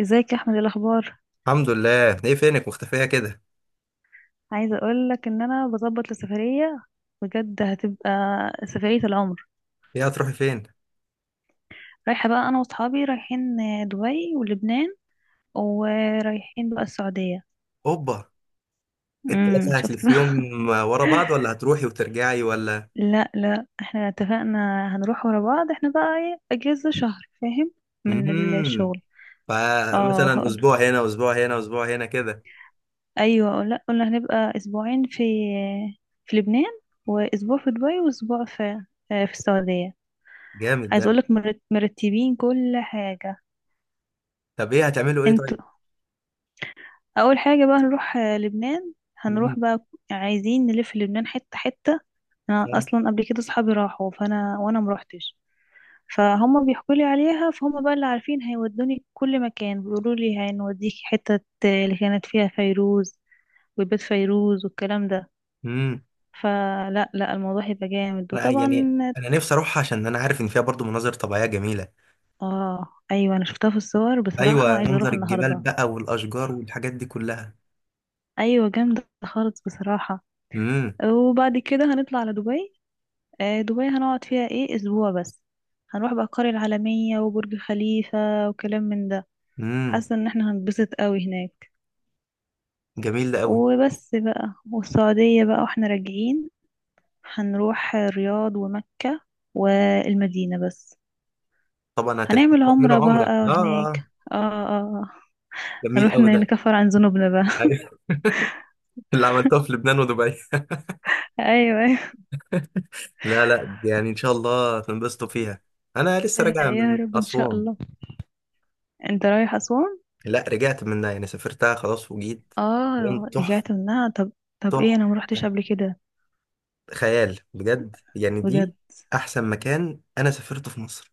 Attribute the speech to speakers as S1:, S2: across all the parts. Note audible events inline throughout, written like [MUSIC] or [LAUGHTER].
S1: ازيك يا احمد؟ إيه الاخبار؟
S2: الحمد لله، ايه فينك مختفية كده؟
S1: عايزه اقول لك ان انا بظبط لسفريه، بجد هتبقى سفريه العمر.
S2: ايه هتروحي فين؟
S1: رايحه بقى انا واصحابي، رايحين دبي ولبنان، ورايحين بقى السعوديه.
S2: اوبا! التلاتة
S1: شفت بقى.
S2: هتلفيهم
S1: [LAUGHS]
S2: ورا بعض، ولا هتروحي وترجعي، ولا؟
S1: لا لا، احنا اتفقنا هنروح ورا بعض. احنا بقى ايه، اجازه شهر فاهم، من
S2: امم.
S1: الشغل. اه
S2: فمثلا،
S1: هقول،
S2: اسبوع هنا، اسبوع هنا، اسبوع هنا كده.
S1: ايوه. لا قلنا هنبقى اسبوعين في لبنان، واسبوع في دبي، واسبوع في السعوديه.
S2: جامد
S1: عايز
S2: ده.
S1: اقولك مرتبين كل حاجه.
S2: طب، ايه هتعملوا، ايه؟
S1: انتوا.
S2: طيب.
S1: اول حاجه بقى هنروح لبنان.
S2: امم.
S1: هنروح بقى، عايزين نلف لبنان حته حته. انا اصلا قبل كده صحابي راحوا، فانا وانا مروحتش، فهم بيحكوا لي عليها. فهم بقى اللي عارفين هيودوني كل مكان، بيقولوا لي هنوديكي حته اللي كانت فيها فيروز، وبيت فيروز والكلام ده.
S2: امم.
S1: فلا لا، الموضوع هيبقى جامد.
S2: انا يعني
S1: وطبعا
S2: انا نفسي اروح، عشان انا عارف ان فيها برضو مناظر طبيعية جميلة.
S1: اه، ايوه، انا شفتها في الصور بصراحه،
S2: ايوه،
S1: عايزه
S2: منظر
S1: اروح
S2: الجبال
S1: النهارده.
S2: بقى والاشجار والحاجات دي كلها.
S1: ايوه جامده خالص بصراحه.
S2: امم.
S1: وبعد كده هنطلع على دبي. آه، دبي هنقعد فيها ايه، اسبوع بس. هنروح بقى القرية العالمية وبرج خليفة وكلام من ده.
S2: امم.
S1: حاسة ان احنا هنتبسط قوي هناك.
S2: جميل ده قوي.
S1: وبس بقى. والسعودية بقى واحنا راجعين، هنروح الرياض ومكة والمدينة بس.
S2: طبعا هتلحقوا
S1: هنعمل
S2: تعملوا
S1: عمرة بقى
S2: عمرة، اه؟
S1: هناك.
S2: آه.
S1: اه اه. آه.
S2: جميل
S1: هنروح
S2: قوي ده.
S1: نكفر عن ذنوبنا بقى.
S2: اللي عملتها في لبنان ودبي.
S1: [LAUGHS] ايوه.
S2: لا، لا، يعني ان شاء الله تنبسطوا فيها. انا لسه
S1: ايوه
S2: راجع
S1: يا
S2: من
S1: رب ان شاء
S2: اسوان.
S1: الله. انت رايح اسوان؟
S2: لا، رجعت منها، يعني سافرتها خلاص وجيت. كان
S1: اه،
S2: تحفه.
S1: رجعت منها؟ طب. طب ايه،
S2: تحفه.
S1: انا ما روحتش قبل كده.
S2: خيال بجد، يعني
S1: بجد؟
S2: دي. احسن مكان انا سافرته في مصر.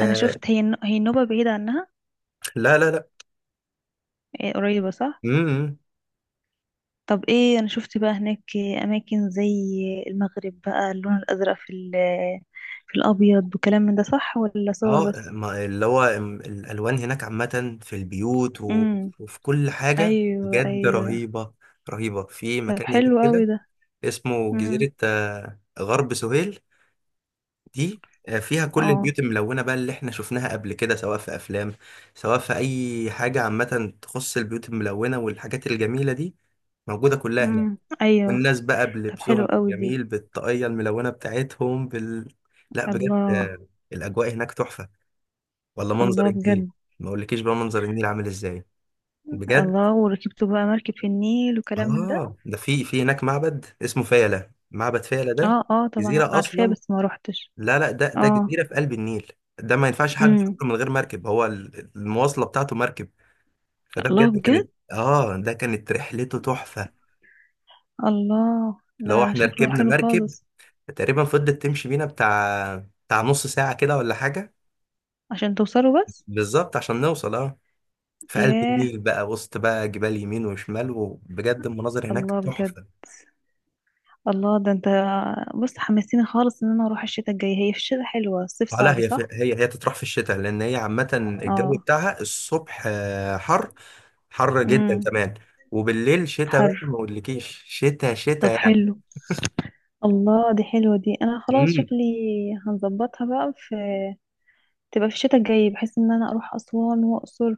S1: انا شفت، هي النوبة بعيدة عنها؟
S2: لا، لا، لا.
S1: إيه قريبة صح.
S2: امم. إمم.
S1: طب ايه، انا شفت بقى هناك اماكن زي المغرب بقى، اللون الازرق في في الابيض وكلام من ده، صح ولا صور بس؟
S2: اللي هو الالوان هناك عامه في البيوت، و-
S1: امم
S2: وفي كل حاجه
S1: ايوه.
S2: بجد
S1: ايوه،
S2: رهيبه. رهيبه، في
S1: طب
S2: مكان هناك
S1: حلو قوي
S2: كده
S1: ده.
S2: اسمه
S1: امم.
S2: جزيره غرب سهيل دي. فيها كل
S1: اه.
S2: البيوت الملونة بقى اللي احنا شفناها قبل كده، سواء في أفلام، سواء في أي حاجة عامة تخص البيوت الملونة والحاجات الجميلة دي، موجودة كلها هناك.
S1: امم. ايوه،
S2: والناس بقى
S1: طب حلو
S2: بلبسهم
S1: قوي دي.
S2: الجميل بالطاقية الملونة بتاعتهم لا بجد،
S1: الله.
S2: الأجواء هناك تحفة. ولا منظر
S1: الله
S2: النيل!
S1: بجد.
S2: ما أقولكيش بقى منظر النيل عامل إزاي، بجد.
S1: الله، وركبتوا بقى مركب في النيل وكلام من ده؟
S2: آه، ده في في هناك معبد اسمه فيلة، معبد فيلة ده
S1: اه اه، طبعا
S2: جزيرة
S1: عارفاه
S2: أصلا.
S1: بس ما روحتش.
S2: لا، لا، ده
S1: اه.
S2: جزيرة في قلب النيل. ده ما ينفعش حد يروح
S1: امم.
S2: من غير مركب، هو المواصلة بتاعته مركب. فده
S1: الله
S2: بجد
S1: بجد.
S2: كانت اه ده كانت رحلته تحفة،
S1: الله ده
S2: لو احنا
S1: شكله
S2: ركبنا
S1: حلو
S2: مركب.
S1: خالص.
S2: تقريبا فضلت تمشي بينا بتاع نص ساعة كده، ولا حاجة.
S1: عشان توصلوا بس؟
S2: بالظبط عشان نوصل، اه، في قلب
S1: ياه.
S2: النيل بقى، وسط بقى جبال يمين وشمال، وبجد المناظر هناك
S1: الله بجد.
S2: تحفة.
S1: الله ده انت. بص، حمستيني خالص ان انا اروح الشتاء الجاي. هي في الشتاء حلوة، الصيف
S2: لا،
S1: صعب
S2: هي في
S1: صح؟
S2: هي هي تطرح في الشتاء، لان هي عامه الجو
S1: اه.
S2: بتاعها الصبح حر، حر جدا
S1: امم.
S2: كمان. وبالليل شتاء
S1: حر.
S2: بقى، ما اقولكيش شتاء
S1: طب
S2: شتاء يعني.
S1: حلو. الله دي حلوة، دي انا خلاص
S2: امم.
S1: شكلي هنظبطها بقى في، تبقى في الشتاء الجاي، بحيث ان انا اروح اسوان واقصر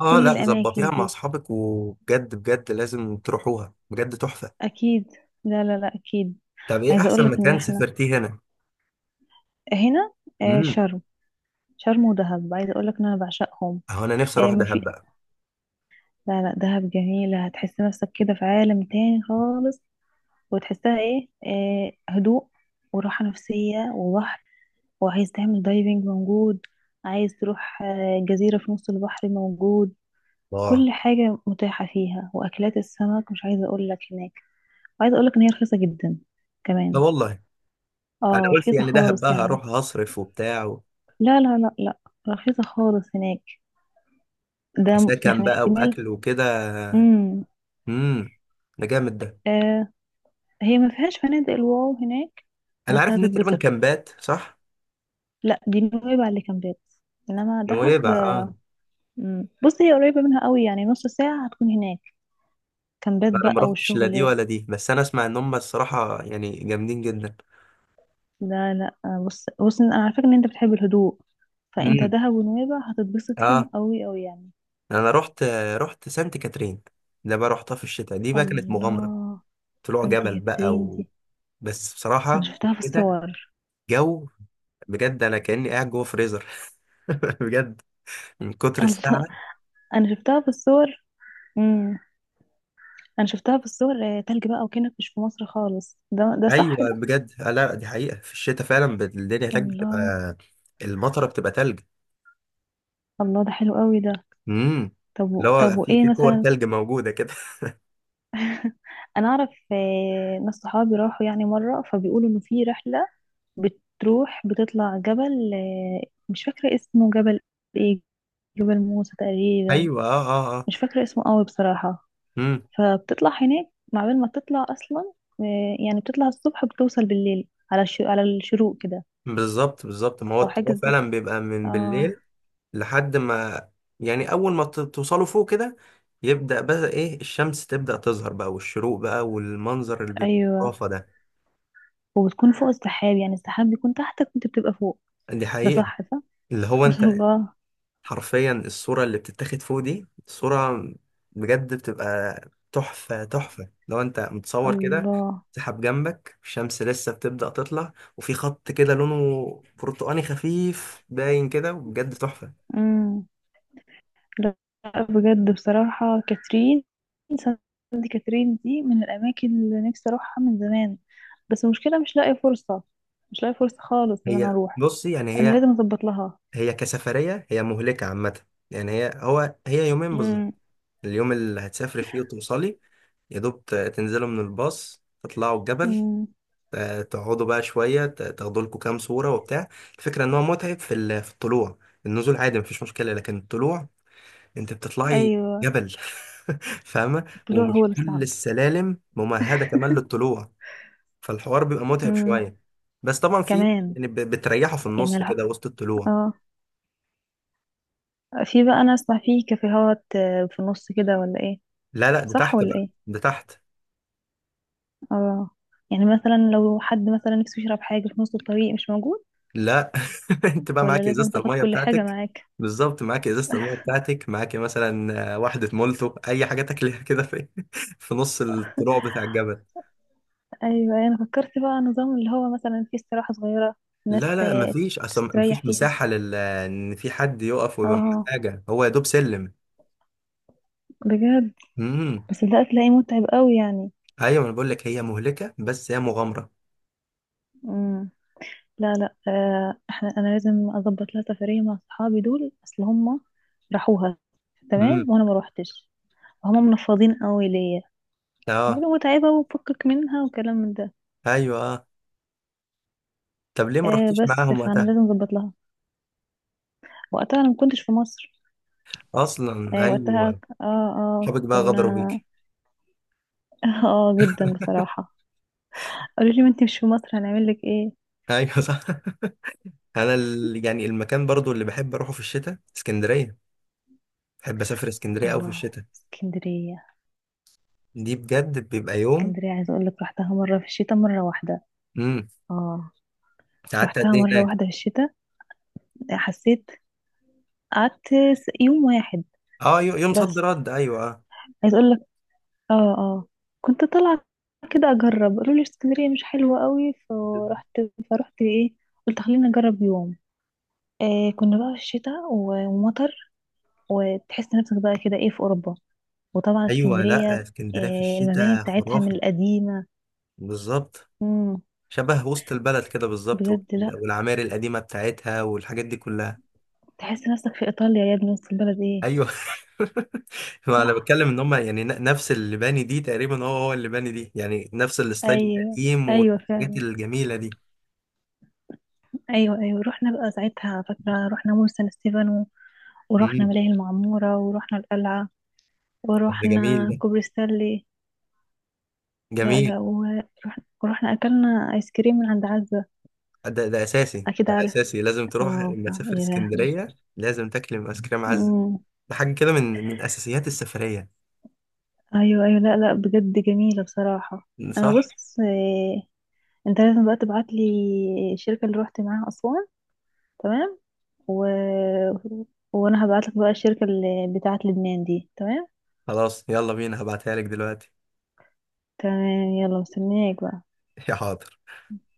S2: اه، لا،
S1: الاماكن
S2: ظبطيها مع
S1: دي.
S2: اصحابك، وبجد بجد لازم تروحوها، بجد تحفه.
S1: اكيد. لا لا لا، اكيد.
S2: طب، ايه
S1: عايزة اقول
S2: احسن
S1: لك ان
S2: مكان
S1: احنا
S2: سافرتيه هنا؟
S1: هنا، آه،
S2: امم.
S1: شرم. شرم ودهب، عايزة اقول لك ان انا بعشقهم.
S2: اهو انا نفسي
S1: آه،
S2: اروح دهب
S1: مفي...
S2: بقى.
S1: لا لا، دهب جميلة، هتحس نفسك كده في عالم تاني خالص، وتحسها إيه هدوء وراحة نفسية وبحر. وعايز تعمل دايفنج موجود. عايز تروح جزيرة في نص البحر موجود.
S2: الله.
S1: كل حاجة متاحة فيها، وأكلات السمك مش عايزة أقول لك هناك. وعايزة أقول لك إن هي رخيصة جدا
S2: لا
S1: كمان.
S2: والله. انا
S1: اه،
S2: قلت
S1: رخيصة
S2: يعني دهب
S1: خالص
S2: بقى
S1: يعني.
S2: هروح هصرف وبتاع،
S1: لا لا لا لا، رخيصة خالص هناك.
S2: كسكن
S1: يعني
S2: بقى
S1: احتمال.
S2: واكل وكده.
S1: امم.
S2: امم. ده جامد ده.
S1: آه. هي ما فيهاش فنادق الواو هناك،
S2: انا
S1: بس
S2: عارف ان تقريبا
S1: هتتبسط.
S2: كامبات، صح؟
S1: لا، دي نويبع اللي كامبات، انما دهب.
S2: نويبع، اه.
S1: مم. بص، هي قريبة منها قوي، يعني نص ساعة هتكون هناك. كامبات
S2: لا، انا ما
S1: بقى
S2: رحتش لا دي
S1: وشغل.
S2: ولا دي، بس انا اسمع ان هم الصراحه يعني جامدين جدا.
S1: لا لا، بص بص، انا على فكرة ان انت بتحب الهدوء، فانت
S2: امم.
S1: دهب ونويبع هتتبسط فيهم
S2: اه.
S1: قوي قوي يعني.
S2: انا رحت سانت كاترين. ده بقى رحتها في الشتاء، دي بقى كانت مغامره.
S1: الله.
S2: طلوع
S1: سانتي
S2: جبل بقى
S1: كاترين دي؟
S2: بس
S1: انا
S2: بصراحه في
S1: شفتها في
S2: الشتاء،
S1: الصور.
S2: جو، بجد انا كاني قاعد جوه فريزر. [LAUGHS] بجد، من
S1: [LAUGHS]
S2: كتر
S1: الله.
S2: الساعه.
S1: انا شفتها في الصور. امم. انا شفتها في الصور، تلج بقى، وكأنك مش في مصر خالص. ده
S2: ايوه
S1: صح ده؟
S2: بجد. لا، دي حقيقه في الشتاء، فعلا الدنيا هناك بتبقى
S1: الله.
S2: المطره، بتبقى تلج.
S1: الله ده حلو قوي ده.
S2: امم.
S1: طب
S2: اللي
S1: طب
S2: هو في
S1: وايه
S2: في كور
S1: مثلا؟
S2: تلج موجوده كده.
S1: انا اعرف ناس صحابي راحوا يعني مره، فبيقولوا انه في رحله بتروح، بتطلع جبل، مش فاكره اسمه. جبل ايه، جبل موسى
S2: [LAUGHS]
S1: تقريبا،
S2: ايوه، اه، اه، اه.
S1: مش فاكره اسمه قوي بصراحه.
S2: مم.
S1: فبتطلع هناك مع بال ما تطلع اصلا، آه، يعني بتطلع الصبح، بتوصل بالليل على على الشروق كده،
S2: بالظبط بالظبط، ما هو
S1: او حاجه
S2: التراب
S1: زي.
S2: فعلا بيبقى من
S1: اه.
S2: بالليل لحد ما، يعني اول ما توصلوا فوق كده، يبدأ بقى، ايه، الشمس تبدأ تظهر بقى، والشروق بقى، والمنظر اللي بيبقى
S1: ايوه،
S2: خرافة ده.
S1: وبتكون فوق السحاب، يعني السحاب بيكون تحتك وانت بتبقى فوق.
S2: دي
S1: ده
S2: حقيقة.
S1: صح صح.
S2: اللي هو
S1: [LAUGHS]
S2: انت
S1: الله.
S2: حرفيا الصورة اللي بتتاخد فوق دي صورة، بجد بتبقى تحفة، تحفة لو انت متصور كده.
S1: الله.
S2: سحاب جنبك، الشمس لسه بتبدأ تطلع، وفي خط كده لونه برتقاني خفيف باين كده، وبجد تحفة.
S1: إمم. لأ. بجد بصراحة، سانت كاترين دي من الأماكن اللي نفسي أروحها من زمان، بس المشكلة مش لاقية فرصة، مش لاقية فرصة خالص إن أنا أروح.
S2: بصي، يعني
S1: أنا
S2: هي
S1: لازم أظبط لها.
S2: هي كسفرية هي مهلكة عامة. يعني هي يومين بالظبط،
S1: مم.
S2: اليوم اللي هتسافري فيه وتوصلي يا دوب، تنزلوا من الباص تطلعوا الجبل.
S1: مم.
S2: تقعدوا بقى شوية، تاخدوا لكم كام صورة وبتاع. الفكرة ان هو متعب في في الطلوع، النزول عادي مفيش مشكلة، لكن الطلوع، انت بتطلعي
S1: أيوة.
S2: جبل. [LAUGHS] فاهمة؟
S1: الطلوع هو
S2: ومش
S1: اللي
S2: كل
S1: صعب.
S2: السلالم ممهدة كمان للطلوع، فالحوار بيبقى متعب
S1: مم.
S2: شوية. بس طبعا في
S1: كمان،
S2: يعني، بتريحوا في
S1: يعني
S2: النص
S1: لا،
S2: كده، وسط الطلوع.
S1: اه، في بقى. أنا أسمع فيه كافيهات في النص كده ولا إيه؟
S2: لا، لا، ده
S1: صح
S2: تحت
S1: ولا
S2: بقى،
S1: إيه؟
S2: ده تحت.
S1: اه، يعني مثلا لو حد مثلا نفسه يشرب حاجة في نص الطريق مش موجود،
S2: لا. [LAUGHS] انت بقى
S1: ولا
S2: معاك
S1: لازم
S2: ازازه
S1: تاخد
S2: الميه
S1: كل حاجة
S2: بتاعتك.
S1: معاك؟
S2: بالظبط، معاك ازازه الميه بتاعتك، معاك مثلا واحده مولتو، اي حاجه تاكلها كده في [LAUGHS] في نص الطلوع بتاع الجبل.
S1: ايوه أيوة، انا فكرت بقى نظام اللي هو مثلا فيه استراحة صغيرة، الناس
S2: لا، لا، مفيش اصلا،
S1: تستريح
S2: مفيش
S1: فيها.
S2: مساحه لل ان في حد يقف ويبقى معاه
S1: اه.
S2: حاجه، هو يا دوب سلم.
S1: بجد.
S2: امم.
S1: بس ده هتلاقيه متعب قوي يعني.
S2: ايوه، انا بقول لك هي مهلكه بس هي مغامره.
S1: امم. لا لا، انا لازم اظبط لها سفرية مع صحابي دول، اصل هم راحوها
S2: امم.
S1: تمام وانا ما روحتش. هم منفضين قوي ليا،
S2: اه.
S1: بيقولوا متعبة وفكك منها وكلام من ده.
S2: ايوه، اه. طب، ليه ما
S1: آه،
S2: رحتيش
S1: بس
S2: معاهم
S1: فانا
S2: وقتها؟
S1: لازم اظبط لها. وقتها انا ما كنتش في مصر.
S2: اصلا،
S1: آه، وقتها
S2: ايوه. شبك، بقى غدروا
S1: كنا.
S2: بيك.
S1: [LAUGHS] اه، جدا بصراحة. قالوا لي، ما انت مش في مصر هنعمل لك ايه.
S2: [LAUGHS] ايوه، صح. انا يعني المكان برضو اللي بحب اروحه في الشتاء، اسكندريه. بحب اسافر اسكندريه قوي في
S1: الله.
S2: الشتاء،
S1: اسكندرية.
S2: دي بجد بيبقى يوم.
S1: اسكندرية عايزة اقول لك رحتها مرة في الشتاء، مرة واحدة.
S2: امم.
S1: اه.
S2: قعدت قد
S1: رحتها
S2: ايه
S1: مرة
S2: هناك؟
S1: واحدة في الشتاء. حسيت، قعدت يوم واحد
S2: اه، يوم صد
S1: بس.
S2: رد، ايوه، آه.
S1: عايزة اقول لك، اه اه، كنت طالعة كده اجرب. قالوا لي اسكندرية مش حلوة قوي،
S2: [LAUGHS]
S1: فرحت ايه. قلت خليني اجرب يوم. إيه كنا بقى في الشتاء ومطر، وتحس نفسك بقى كده ايه في اوروبا، وطبعا
S2: ايوه، لا
S1: اسكندرية،
S2: اسكندريه في
S1: إيه المباني
S2: الشتاء
S1: بتاعتها من
S2: خرافه.
S1: القديمة،
S2: بالظبط، شبه وسط البلد كده بالظبط،
S1: بجد لا،
S2: والعماير القديمه بتاعتها والحاجات دي كلها.
S1: تحس نفسك في ايطاليا يا ابني. وسط البلد ايه؟
S2: ايوه. [LAUGHS] ما
S1: صح.
S2: انا بتكلم ان هم يعني، نفس اللي باني دي تقريبا، هو اللي باني دي، يعني نفس الستايل
S1: ايوه
S2: القديم
S1: ايوه
S2: والحاجات
S1: فعلا.
S2: الجميله دي.
S1: ايوه ايوه، رحنا بقى ساعتها، فاكره رحنا مول سان ستيفانو، ورحنا
S2: امم.
S1: ملاهي المعموره، ورحنا القلعه،
S2: ده جميل،
S1: ورحنا كوبري ستانلي. لا
S2: جميل.
S1: لا، ورحنا اكلنا ايس كريم من عند عزه.
S2: ده اساسي،
S1: اكيد
S2: ده
S1: عارف.
S2: اساسي، لازم تروح،
S1: اه،
S2: لما تسافر
S1: يا لهوي.
S2: اسكندريه لازم تاكل ايس كريم عزه.
S1: أمم.
S2: ده حاجه كده من اساسيات السفريه.
S1: ايوه ايوه، لا لا، بجد جميله بصراحه. انا
S2: صح.
S1: بص، إيه، انت لازم بقى تبعت لي الشركه اللي روحت معاها اسوان، تمام، و... وانا هبعتلك بقى الشركة اللي بتاعت لبنان دي، تمام.
S2: خلاص يلا بينا، هبعتها لك دلوقتي.
S1: تمام، يلا مستنياك بقى.
S2: [LAUGHS] يا حاضر.